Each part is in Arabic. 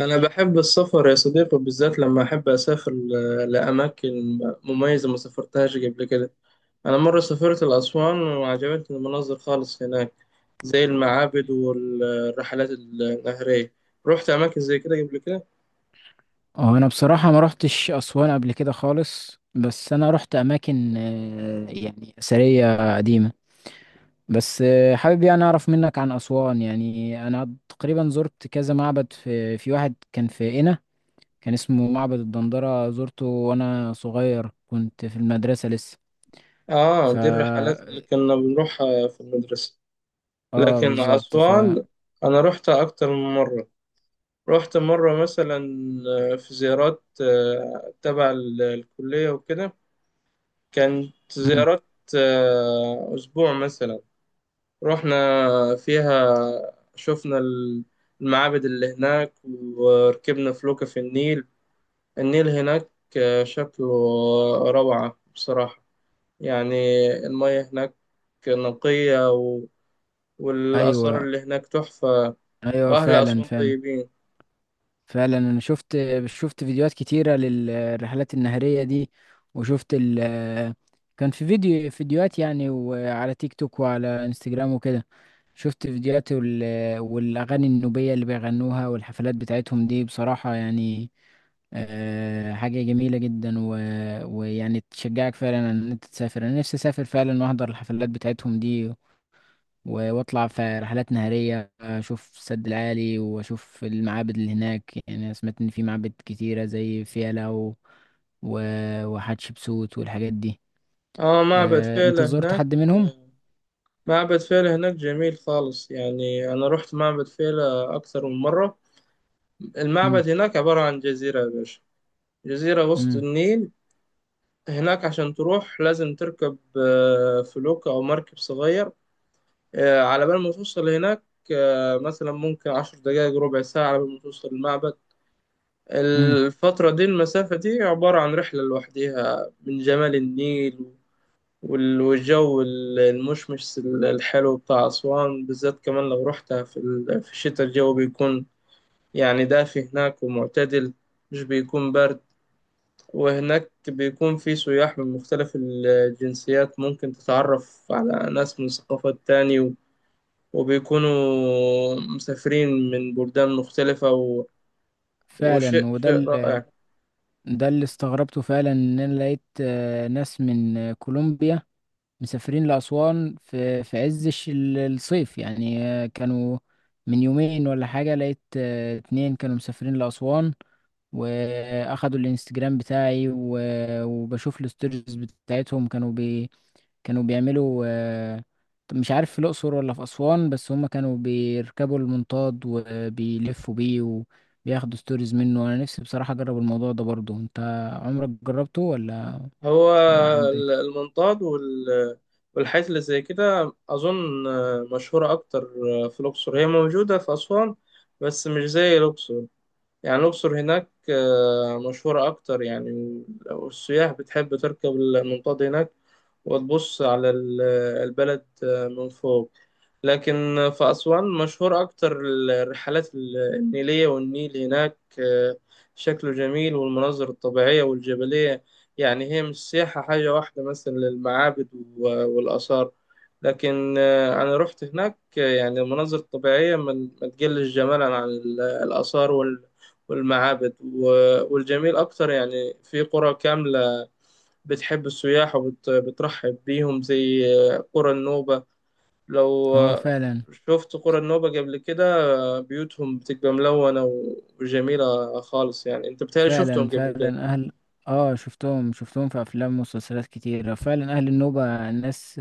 أنا بحب السفر يا صديقي، بالذات لما أحب أسافر لأماكن مميزة ما سافرتهاش قبل كده. أنا مرة سافرت لأسوان وعجبتني المناظر خالص هناك، زي المعابد والرحلات النهرية. رحت أماكن زي كده قبل كده؟ هو انا بصراحة ما رحتش اسوان قبل كده خالص، بس انا رحت اماكن، يعني اثرية قديمة. بس حابب، يعني اعرف منك عن اسوان. يعني انا تقريبا زرت كذا معبد، في واحد كان في قنا. كان اسمه معبد الدندرة، زرته وانا صغير كنت في المدرسة لسه. آه، ف دي الرحلات اللي كنا بنروحها في المدرسة. اه، لكن بالظبط. أسوان أنا رحتها أكتر من مرة. رحت مرة مثلا في زيارات تبع الكلية وكده. كانت مم. زيارات أسبوع مثلا، رحنا فيها. شفنا المعابد اللي هناك وركبنا فلوكة في النيل. النيل هناك شكله روعة بصراحة. يعني المياه هناك نقية والآثار ايوه، اللي هناك تحفة، ايوه، وأهل معبد فعلا أسوان فعلا. طيبين. فعلا، انا شفت شفت فيديوهات كتيرة للرحلات النهرية دي. وشفت ال كان في فيديوهات، يعني، وعلى تيك توك وعلى انستجرام وكده. شفت فيديوهات والاغاني النوبية اللي بيغنوها، والحفلات بتاعتهم دي بصراحة، يعني، حاجة جميلة جدا. ويعني تشجعك فعلا ان انت تسافر. انا نفسي اسافر فعلا، واحضر الحفلات بتاعتهم دي، واطلع في رحلات نهارية، اشوف السد العالي، واشوف المعابد اللي هناك. يعني أنا سمعت ان في معابد كتيرة زي فيلة، وحتشبسوت والحاجات دي. آه، معبد أه، انت فيلة زرت هناك. حد منهم؟ آه، معبد فيلة هناك جميل خالص. يعني أنا رحت معبد فيلة أكثر من مرة. مم. المعبد هناك عبارة عن جزيرة يا باشا، جزيرة وسط مم. النيل. هناك عشان تروح لازم تركب فلوكة أو مركب صغير، على بال ما توصل هناك. مثلا ممكن 10 دقايق ربع ساعة على بال ما توصل المعبد. مم. الفترة دي، المسافة دي عبارة عن رحلة لوحديها من جمال النيل. والجو المشمس الحلو بتاع أسوان، بالذات كمان لو رحتها في في الشتاء الجو بيكون يعني دافي هناك ومعتدل، مش بيكون برد. وهناك بيكون في سياح من مختلف الجنسيات، ممكن تتعرف على ناس من ثقافات تاني وبيكونوا مسافرين من بلدان مختلفة فعلا، وشيء شيء رائع. ده اللي استغربته فعلا. ان انا لقيت ناس من كولومبيا، مسافرين لأسوان في عز الصيف، يعني، كانوا من يومين ولا حاجة. لقيت 2 كانوا مسافرين لأسوان، واخدوا الانستجرام بتاعي، وبشوف الستوريز بتاعتهم. كانوا بيعملوا، مش عارف في الأقصر ولا في أسوان، بس هما كانوا بيركبوا المنطاد وبيلفوا بيه، وبياخدوا ستوريز منه. أنا نفسي بصراحة أجرب الموضوع ده برضه. أنت عمرك جربته ولا هو ما عدى؟ المنطاد والحاجات اللي زي كده أظن مشهورة أكتر في الأقصر. هي موجودة في أسوان بس مش زي الأقصر. يعني الأقصر هناك مشهورة أكتر يعني. والسياح بتحب تركب المنطاد هناك وتبص على البلد من فوق. لكن في أسوان مشهور أكتر الرحلات النيلية، والنيل هناك شكله جميل، والمناظر الطبيعية والجبلية. يعني هي مش سياحة حاجة واحدة مثلا للمعابد والآثار. لكن أنا رحت هناك يعني المناظر الطبيعية ما تقلش جمالا عن الآثار والمعابد والجميل أكتر يعني في قرى كاملة بتحب السياح وبترحب بيهم، زي قرى النوبة. لو هو، فعلا شفت قرى النوبة قبل كده، بيوتهم بتبقى ملونة وجميلة خالص. يعني أنت بتهيألي شفتهم فعلا قبل كده. فعلا، أهل آه شفتهم في أفلام ومسلسلات كتير. فعلا أهل النوبة ناس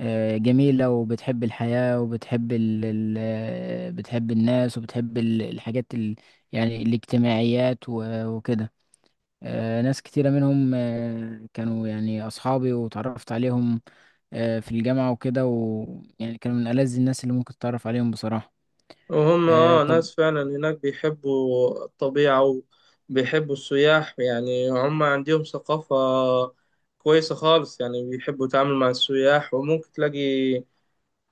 جميلة، وبتحب الحياة، وبتحب ال ال بتحب الناس، وبتحب الحاجات يعني الاجتماعيات، وكده. ناس كتيرة منهم، كانوا يعني أصحابي، وتعرفت عليهم في الجامعة وكده. ويعني كانوا من ألذ الناس اللي ممكن تتعرف عليهم بصراحة. وهم طب. ناس فعلا هناك بيحبوا الطبيعة وبيحبوا السياح. يعني هم عندهم ثقافة كويسة خالص. يعني بيحبوا يتعاملوا مع السياح، وممكن تلاقي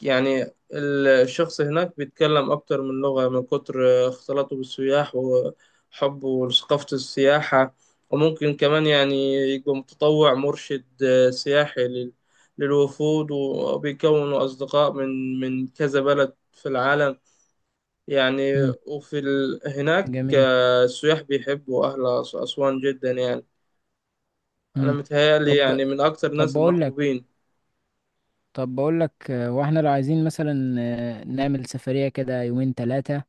يعني الشخص هناك بيتكلم أكتر من لغة من كتر اختلاطه بالسياح وحبه لثقافة السياحة. وممكن كمان يعني يبقى متطوع مرشد سياحي للوفود، وبيكونوا أصدقاء من كذا بلد في العالم يعني. مم. وفي هناك جميل. السياح بيحبوا أهل أسوان جدا. يعني أنا مم. متهيألي طب يعني من أكتر طب الناس بقول لك المحبوبين. طب بقول لك، واحنا لو عايزين مثلا نعمل سفرية كده يومين ثلاثة.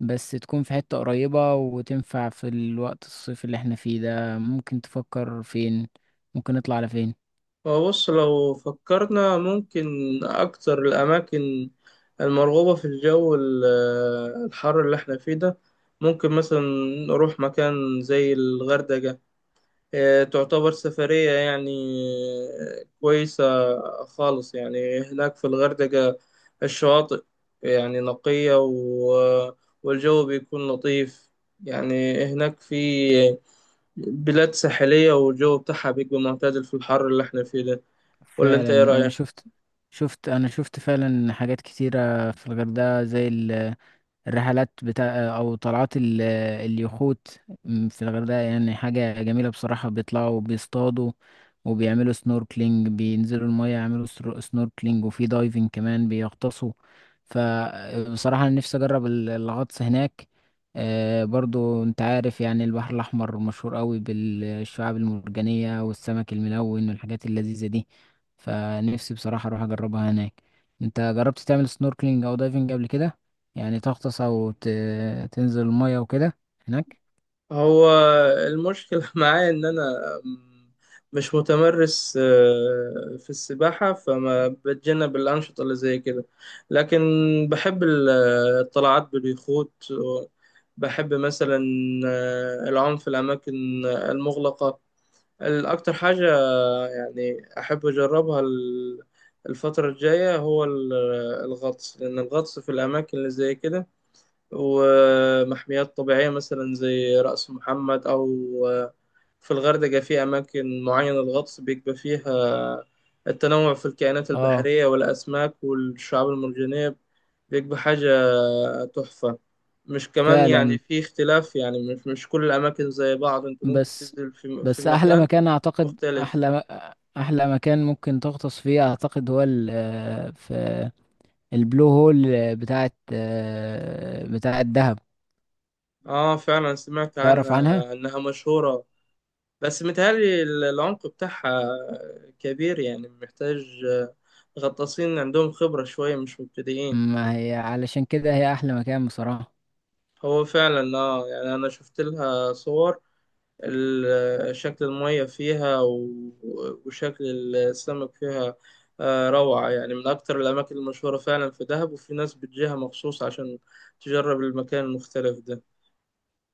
بس تكون في حتة قريبة وتنفع في الوقت الصيف اللي احنا فيه ده. ممكن تفكر فين؟ ممكن نطلع على فين؟ هو بص، لو فكرنا ممكن أكتر الأماكن المرغوبة في الجو الحر اللي احنا فيه ده، ممكن مثلا نروح مكان زي الغردقة. تعتبر سفرية يعني كويسة خالص. يعني هناك في الغردقة الشواطئ يعني نقية والجو بيكون لطيف. يعني هناك في بلاد ساحلية، والجو بتاعها بيبقى معتدل في الحر اللي احنا فيه ده. قول لي انت فعلا، ايه انا رأيك؟ شفت شفت انا شفت فعلا حاجات كتيرة في الغردقة، زي الرحلات او طلعات اليخوت. في الغردقة يعني حاجة جميلة بصراحة، بيطلعوا، بيصطادوا، وبيعملوا سنوركلينج، بينزلوا المية يعملوا سنوركلينج، وفي دايفنج كمان بيغطسوا. فبصراحة أنا نفسي أجرب الغطس هناك. برضو أنت عارف يعني البحر الأحمر مشهور قوي بالشعاب المرجانية، والسمك الملون، والحاجات اللذيذة دي. فنفسي بصراحة أروح أجربها هناك. أنت جربت تعمل سنوركلينج أو دايفنج قبل كده؟ يعني تغطس او تنزل المية وكده هناك. هو المشكلة معايا ان انا مش متمرس في السباحة، فما بتجنب الأنشطة اللي زي كده. لكن بحب الطلعات باليخوت. بحب مثلا العوم في الأماكن المغلقة. الأكتر حاجة يعني أحب أجربها الفترة الجاية هو الغطس. لأن الغطس في الأماكن اللي زي كده ومحميات طبيعية مثلا زي رأس محمد، أو آه، في الغردقة، في أماكن معينة الغطس بيبقى فيها التنوع في الكائنات اه، البحرية والأسماك والشعاب المرجانية بيبقى حاجة تحفة. مش كمان يعني فعلا. في اختلاف، يعني مش كل الأماكن زي بعض، أنت ممكن بس تنزل في بس احلى مكان مكان اعتقد، مختلف. احلى مكان ممكن تغطس فيه اعتقد، هو في البلو هول بتاعت دهب. آه، فعلا سمعت تعرف عنها؟ عنها إنها مشهورة، بس متهيألي العمق بتاعها كبير، يعني محتاج غطاسين عندهم خبرة شوية، مش مبتدئين. ما هي علشان كده هي احلى مكان بصراحة. هو فعلا اه، يعني أنا شفت لها صور ال- شكل المية فيها وشكل السمك فيها روعة. يعني من أكتر الأماكن المشهورة فعلا في دهب، وفي ناس بتجيها مخصوص عشان تجرب المكان المختلف ده.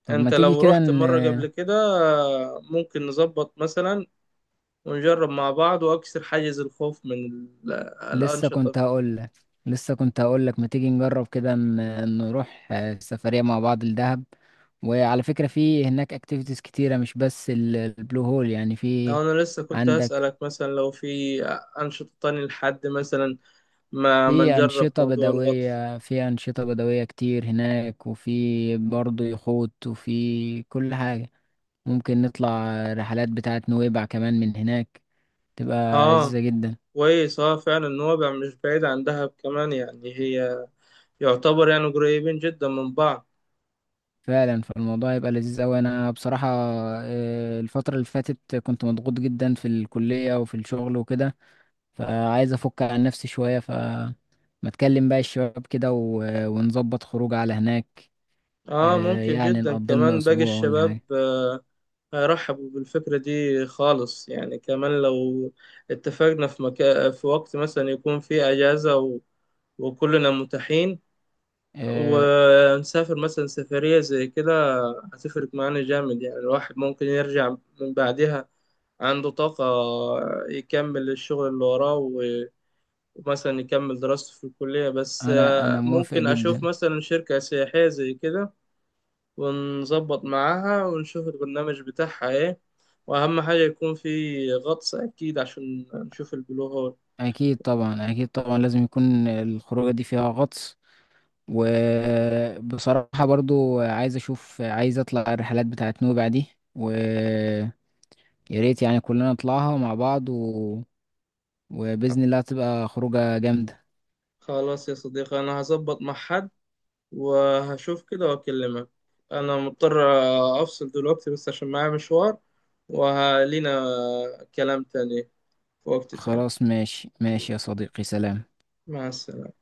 طب، ما أنت تيجي لو كده رحت ن... مرة قبل كده ممكن نظبط مثلا ونجرب مع بعض وأكسر حاجز الخوف من لسه الأنشطة. كنت هقول لك لسه كنت هقول لك ما تيجي نجرب كده، نروح سفرية مع بعض الدهب. وعلى فكرة في هناك اكتيفيتيز كتيرة، مش بس البلو هول، يعني في أو أنا لسه كنت عندك. هسألك مثلا لو في أنشطة تانية لحد مثلا ما نجرب موضوع الغطس. في أنشطة بدوية كتير هناك، وفي برضه يخوت، وفي كل حاجة. ممكن نطلع رحلات بتاعة نويبع كمان من هناك، تبقى لذيذة آه جدا. كويس. آه فعلا، نوابع مش بعيد عن دهب كمان، يعني هي يعتبر يعني قريبين جدا من بعض. فعلا، فالموضوع يبقى لذيذ أوي. أنا بصراحة الفترة اللي فاتت كنت مضغوط جدا في الكلية وفي الشغل وكده. فعايز أفك عن نفسي شوية. ما أتكلم بقى الشباب كده، ونظبط خروج على هناك. آه، ممكن يعني جدا. نقضي لنا كمان باقي أسبوع ولا الشباب حاجة. هيرحبوا بالفكرة دي خالص. يعني كمان لو اتفقنا في مكان، في وقت مثلا يكون فيه أجازة وكلنا متاحين، آه، ونسافر مثلا سفرية زي كده، هتفرق معانا جامد. يعني الواحد ممكن يرجع من بعدها عنده طاقة يكمل الشغل اللي وراه ومثلا يكمل دراسته في الكلية. بس أنا أنا موافق ممكن أشوف جدا. مثلا شركة سياحية زي كده ونظبط معاها ونشوف البرنامج بتاعها إيه، وأهم حاجة يكون في غطس أكيد عشان نشوف البلو هول. أكيد طبعا، أكيد طبعا لازم يكون الخروجة دي فيها غطس. وبصراحة برضو عايز أطلع الرحلات بتاعت نوبع دي. و يا ريت يعني كلنا نطلعها مع بعض، وبإذن الله تبقى خروجة جامدة. خلاص يا صديقي، أنا هظبط مع حد وهشوف كده واكلمك. انا مضطر افصل دلوقتي بس عشان معايا مشوار، وهلينا كلام تاني في وقت تاني. خلاص، ماشي ماشي يا صديقي، سلام. مع السلامة.